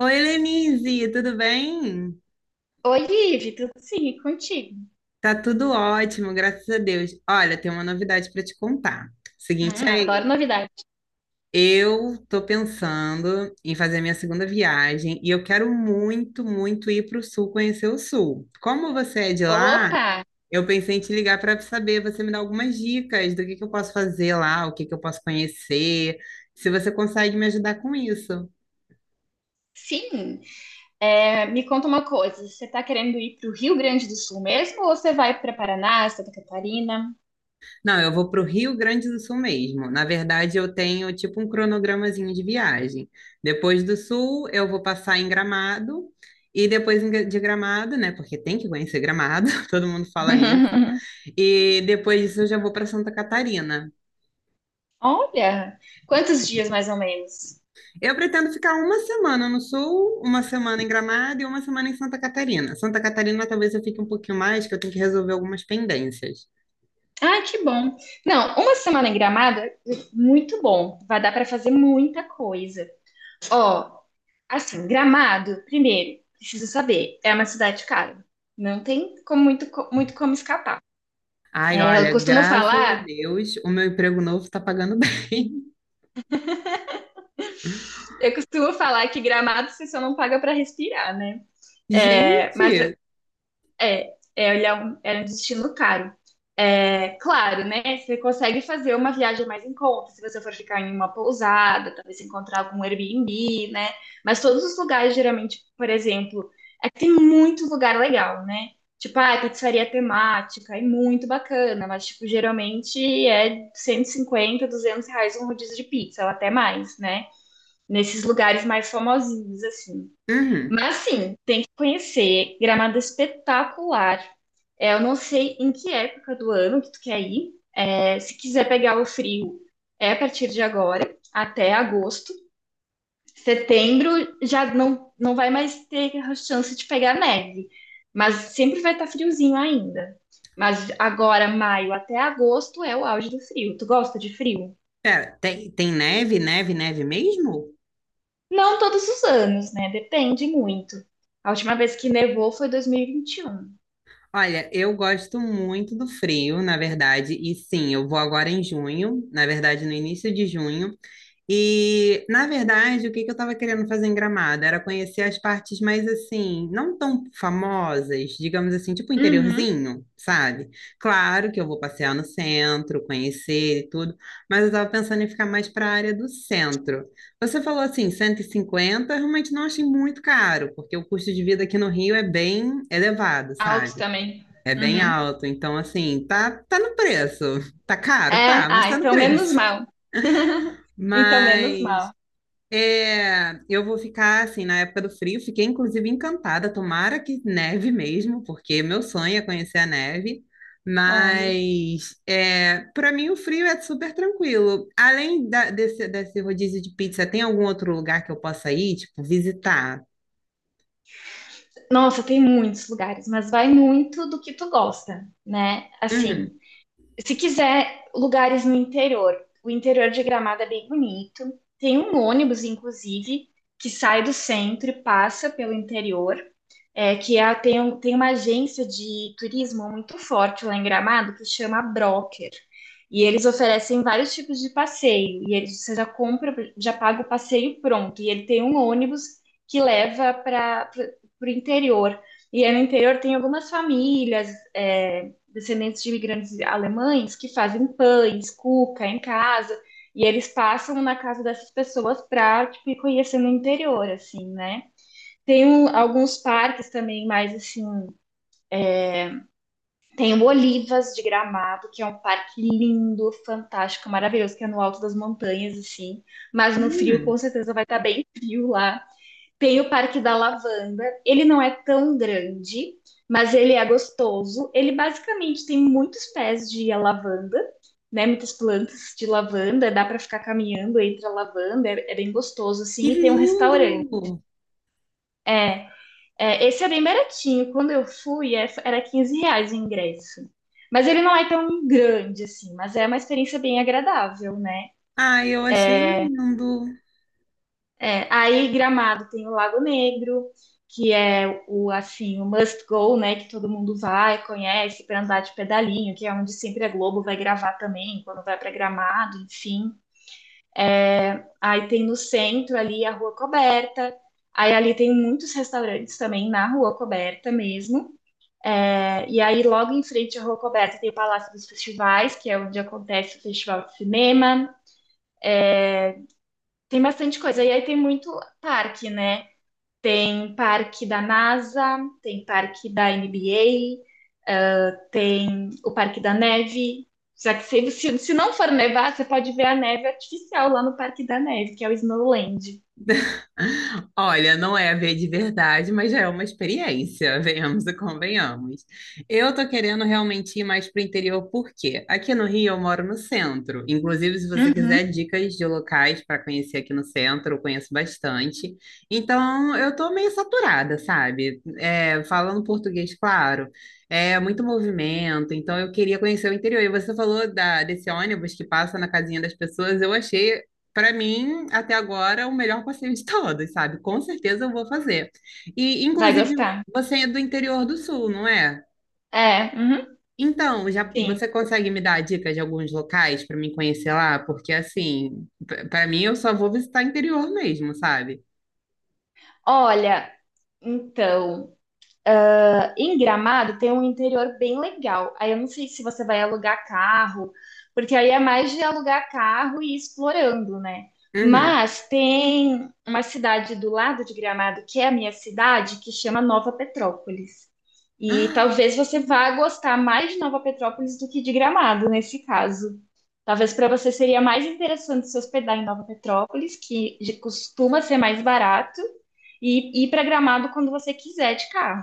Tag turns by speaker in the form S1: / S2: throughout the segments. S1: Oi, Lenise, tudo bem?
S2: Oi, Ive, tudo sim, e contigo?
S1: Tá tudo ótimo, graças a Deus. Olha, tem uma novidade para te contar. Seguinte
S2: Adoro
S1: aí,
S2: novidade.
S1: eu tô pensando em fazer minha segunda viagem e eu quero muito, muito ir para o sul, conhecer o sul. Como você é de lá,
S2: Opa,
S1: eu pensei em te ligar para saber, você me dá algumas dicas do que eu posso fazer lá, o que que eu posso conhecer, se você consegue me ajudar com isso.
S2: sim. É, me conta uma coisa, você tá querendo ir pro Rio Grande do Sul mesmo ou você vai para Paraná, Santa Catarina?
S1: Não, eu vou para o Rio Grande do Sul mesmo. Na verdade, eu tenho tipo um cronogramazinho de viagem. Depois do Sul, eu vou passar em Gramado. E depois de Gramado, né? Porque tem que conhecer Gramado, todo mundo fala isso. E depois disso, eu já vou para Santa Catarina.
S2: Olha, quantos dias mais ou menos?
S1: Eu pretendo ficar uma semana no sul, uma semana em Gramado e uma semana em Santa Catarina. Santa Catarina talvez eu fique um pouquinho mais, que eu tenho que resolver algumas pendências.
S2: Ah, que bom. Não, uma semana em Gramado é muito bom. Vai dar para fazer muita coisa. Ó, assim, Gramado, primeiro, precisa saber, é uma cidade cara. Não tem como muito, muito como escapar.
S1: Ai,
S2: É, eu
S1: olha,
S2: costumo
S1: graças a
S2: falar,
S1: Deus, o meu emprego novo está pagando bem.
S2: eu costumo falar que Gramado você só não paga para respirar, né? É, mas
S1: Gente,
S2: é, ele é um destino caro. É, claro, né? Você consegue fazer uma viagem mais em conta, se você for ficar em uma pousada, talvez encontrar algum Airbnb, né? Mas todos os lugares, geralmente, por exemplo, é que tem muito lugar legal, né? Tipo, ah, pizzaria temática, é muito bacana, mas, tipo, geralmente é 150 R$ 200 um rodízio de pizza, ou até mais, né? Nesses lugares mais famosinhos, assim.
S1: uhum.
S2: Mas sim, tem que conhecer. Gramado é espetacular. É, eu não sei em que época do ano que tu quer ir. É, se quiser pegar o frio, é a partir de agora, até agosto. Setembro já não vai mais ter a chance de pegar neve, mas sempre vai estar friozinho ainda. Mas agora, maio até agosto, é o auge do frio. Tu gosta de frio?
S1: Pera, tem neve, neve, neve mesmo?
S2: Não todos os anos, né? Depende muito. A última vez que nevou foi
S1: Olha, eu gosto muito do frio, na verdade, e sim, eu vou agora em junho, na verdade, no início de junho. E, na verdade, o que que eu estava querendo fazer em Gramado era conhecer as partes mais assim, não tão famosas, digamos assim, tipo
S2: 2021. Uhum.
S1: interiorzinho, sabe? Claro que eu vou passear no centro, conhecer e tudo, mas eu estava pensando em ficar mais para a área do centro. Você falou assim, 150, eu realmente não achei muito caro, porque o custo de vida aqui no Rio é bem elevado,
S2: Alto
S1: sabe?
S2: também.
S1: É bem
S2: Uhum.
S1: alto, então assim, tá, tá no preço. Tá caro,
S2: É,
S1: tá, mas
S2: ah,
S1: tá no
S2: então menos
S1: preço.
S2: mal. Então menos
S1: Mas
S2: mal.
S1: é, eu vou ficar assim na época do frio, fiquei inclusive encantada, tomara que neve mesmo, porque meu sonho é conhecer a neve.
S2: Olha.
S1: Mas é, para mim o frio é super tranquilo. Além desse rodízio de pizza, tem algum outro lugar que eu possa ir, tipo, visitar?
S2: Nossa, tem muitos lugares, mas vai muito do que tu gosta, né?
S1: Uhum.
S2: Assim, se quiser lugares no interior, o interior de Gramado é bem bonito. Tem um ônibus, inclusive, que sai do centro e passa pelo interior. É, que a- tem, um- tem uma agência de turismo muito forte lá em Gramado que chama Broker. E eles oferecem vários tipos de passeio. E eles, você já compra, já paga o passeio pronto. E ele tem um ônibus que leva para o interior. E aí no interior tem algumas famílias, é, descendentes de imigrantes alemães, que fazem pães, cuca em casa. E eles passam na casa dessas pessoas para, tipo, ir conhecendo o interior, assim, né? Alguns parques também, mais assim. Tem o Olivas de Gramado, que é um parque lindo, fantástico, maravilhoso, que é no alto das montanhas, assim. Mas no frio,
S1: Hum,
S2: com certeza, vai estar bem frio lá. Tem o Parque da Lavanda. Ele não é tão grande, mas ele é gostoso. Ele basicamente tem muitos pés de lavanda, né? Muitas plantas de lavanda. Dá para ficar caminhando entre a lavanda. É, é bem gostoso,
S1: que
S2: assim. E tem um
S1: lindo!
S2: restaurante, né? É, esse é bem baratinho. Quando eu fui, era R$ 15 o ingresso. Mas ele não é tão grande assim, mas é uma experiência bem agradável, né?
S1: Ah, eu achei
S2: É,
S1: lindo.
S2: Aí Gramado tem o Lago Negro, que é o assim, o must go, né? Que todo mundo vai, conhece para andar de pedalinho, que é onde sempre a Globo vai gravar também, quando vai para Gramado, enfim. Aí tem no centro ali a Rua Coberta. Aí ali tem muitos restaurantes também na Rua Coberta mesmo. É, e aí, logo em frente à Rua Coberta, tem o Palácio dos Festivais, que é onde acontece o Festival de Cinema. Tem bastante coisa. E aí tem muito parque, né? Tem parque da NASA, tem parque da NBA, tem o Parque da Neve. Já que se não for nevar, você pode ver a neve artificial lá no Parque da Neve, que é o Snowland.
S1: Olha, não é ver de verdade, mas já é uma experiência, venhamos e convenhamos. Eu tô querendo realmente ir mais pro interior, por quê? Aqui no Rio eu moro no centro. Inclusive, se você
S2: Uhum.
S1: quiser dicas de locais para conhecer aqui no centro, eu conheço bastante. Então, eu tô meio saturada, sabe? É, falando português, claro. É muito movimento, então eu queria conhecer o interior. E você falou desse ônibus que passa na casinha das pessoas, eu achei para mim, até agora, o melhor passeio de todos, sabe? Com certeza eu vou fazer. E,
S2: Vai
S1: inclusive,
S2: gostar.
S1: você é do interior do sul, não é?
S2: É, uhum,
S1: Então, já
S2: sim.
S1: você consegue me dar dicas de alguns locais para mim conhecer lá? Porque, assim, para mim, eu só vou visitar interior mesmo, sabe?
S2: Olha, então, nossa, em Gramado tem um interior bem legal. Aí eu não sei se você vai alugar carro, porque aí é mais de alugar carro e ir explorando, né?
S1: Uhum.
S2: Mas tem uma cidade do lado de Gramado, que é a minha cidade, que chama Nova Petrópolis. E talvez você vá gostar mais de Nova Petrópolis do que de Gramado, nesse caso. Talvez para você seria mais interessante se hospedar em Nova Petrópolis, costuma ser mais barato, e ir para Gramado quando você quiser de carro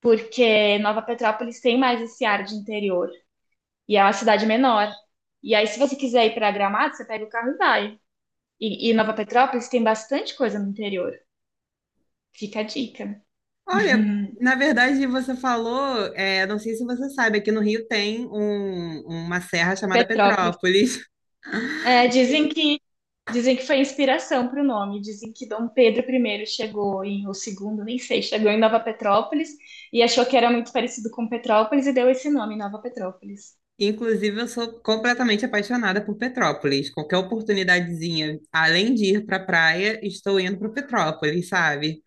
S2: porque Nova Petrópolis tem mais esse ar de interior e é uma cidade menor. E aí, se você quiser ir para Gramado, você pega o carro e vai. E Nova Petrópolis tem bastante coisa no interior. Fica a dica.
S1: Ah, olha, na verdade, você falou, é, não sei se você sabe, aqui no Rio tem uma serra chamada
S2: Petrópolis.
S1: Petrópolis.
S2: É, dizem que dizem que foi inspiração para o nome. Dizem que Dom Pedro I chegou em ou segundo, nem sei, chegou em Nova Petrópolis e achou que era muito parecido com Petrópolis e deu esse nome, Nova Petrópolis.
S1: Inclusive, eu sou completamente apaixonada por Petrópolis. Qualquer oportunidadezinha, além de ir para a praia, estou indo para Petrópolis, sabe?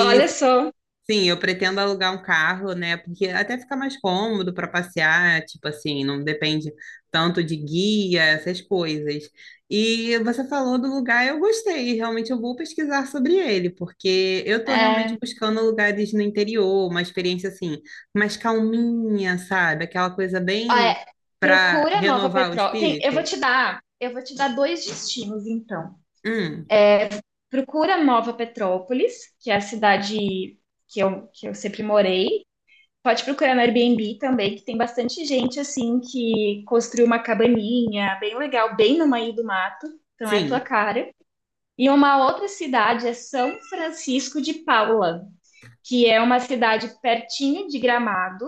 S2: Olha só,
S1: sim, eu pretendo alugar um carro, né? Porque até fica mais cômodo para passear, tipo assim, não depende tanto de guia, essas coisas. E você falou do lugar, eu gostei. Realmente eu vou pesquisar sobre ele, porque eu tô realmente
S2: é,
S1: buscando lugares no interior, uma experiência assim, mais calminha, sabe? Aquela coisa bem
S2: É,
S1: para
S2: procura Nova
S1: renovar o
S2: Petró. Tem, eu vou
S1: espírito.
S2: te dar, eu vou te dar dois destinos, então.
S1: Hum,
S2: Procura Nova Petrópolis, que é a cidade que eu sempre morei. Pode procurar no Airbnb também, que tem bastante gente assim que construiu uma cabaninha bem legal, bem no meio do mato. Então é tua
S1: sim.
S2: cara. E uma outra cidade é São Francisco de Paula, que é uma cidade pertinho de Gramado.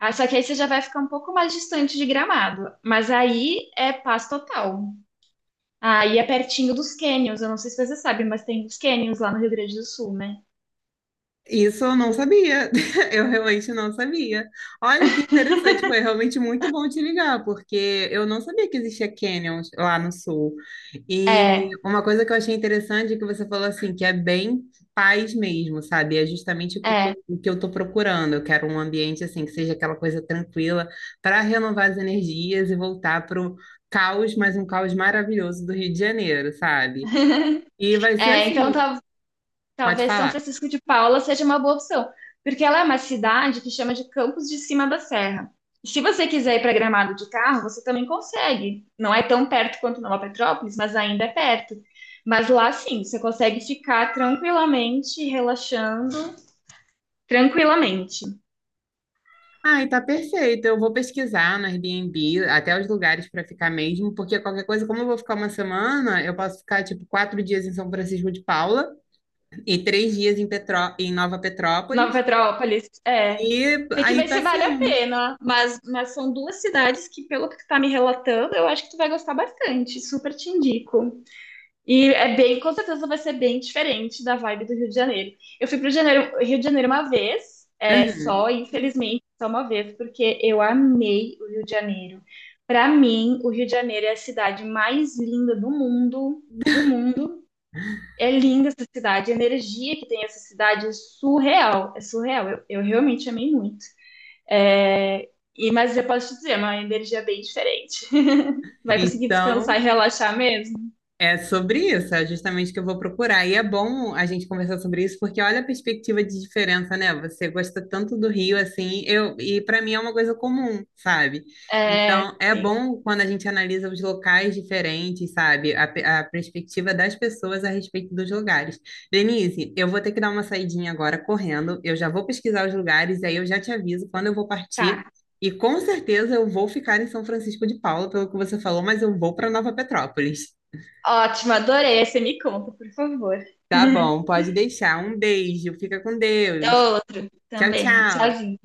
S2: Ah, só que aí você já vai ficar um pouco mais distante de Gramado. Mas aí é paz total. Aí é pertinho dos cânions. Eu não sei se você sabe, mas tem os cânions lá no Rio Grande do Sul, né?
S1: Isso eu não sabia, eu realmente não sabia. Olha que interessante, foi realmente muito bom te ligar, porque eu não sabia que existia canyons lá no sul. E
S2: É,
S1: uma coisa que eu achei interessante é que você falou assim, que é bem paz mesmo, sabe? É justamente
S2: é,
S1: o que eu tô procurando. Eu quero um ambiente assim, que seja aquela coisa tranquila para renovar as energias e voltar para o caos, mas um caos maravilhoso do Rio de Janeiro, sabe? E vai ser
S2: é. Então
S1: assim, pode
S2: talvez São
S1: falar.
S2: Francisco de Paula seja uma boa opção. Porque ela é uma cidade que chama de Campos de Cima da Serra. E se você quiser ir para Gramado de carro, você também consegue. Não é tão perto quanto Nova Petrópolis, mas ainda é perto. Mas lá sim, você consegue ficar tranquilamente relaxando. Tranquilamente.
S1: Ai, tá perfeito. Eu vou pesquisar no Airbnb até os lugares para ficar mesmo, porque qualquer coisa, como eu vou ficar uma semana, eu posso ficar tipo 4 dias em São Francisco de Paula e 3 dias em, Petró em Nova
S2: Nova
S1: Petrópolis
S2: Petrópolis, é.
S1: e
S2: Tem que
S1: aí
S2: ver se vale a
S1: passeando.
S2: pena, mas são duas cidades que, pelo que tu tá me relatando, eu acho que tu vai gostar bastante. Super te indico. E é bem, com certeza vai ser bem diferente da vibe do Rio de Janeiro. Eu fui pro Rio de Janeiro uma vez, é
S1: Uhum.
S2: só, infelizmente, só uma vez, porque eu amei o Rio de Janeiro. Para mim, o Rio de Janeiro é a cidade mais linda do mundo, do mundo. É linda essa cidade, a energia que tem essa cidade é surreal, é surreal. Eu realmente amei muito. É, e, mas eu posso te dizer, é uma energia bem diferente. Vai conseguir descansar
S1: Então,
S2: e relaxar mesmo?
S1: é sobre isso, é justamente o que eu vou procurar. E é bom a gente conversar sobre isso, porque olha a perspectiva de diferença, né? Você gosta tanto do Rio assim, eu e para mim é uma coisa comum, sabe?
S2: É,
S1: Então é
S2: sim,
S1: bom quando a gente analisa os locais diferentes, sabe? A perspectiva das pessoas a respeito dos lugares. Denise, eu vou ter que dar uma saidinha agora correndo. Eu já vou pesquisar os lugares e aí eu já te aviso quando eu vou partir.
S2: tá.
S1: E com certeza eu vou ficar em São Francisco de Paula, pelo que você falou, mas eu vou para Nova Petrópolis.
S2: Ótimo, adorei. Aí você me conta, por favor.
S1: Tá bom, pode deixar. Um beijo, fica com Deus.
S2: Outro
S1: Tchau,
S2: também.
S1: tchau.
S2: Tchauzinho.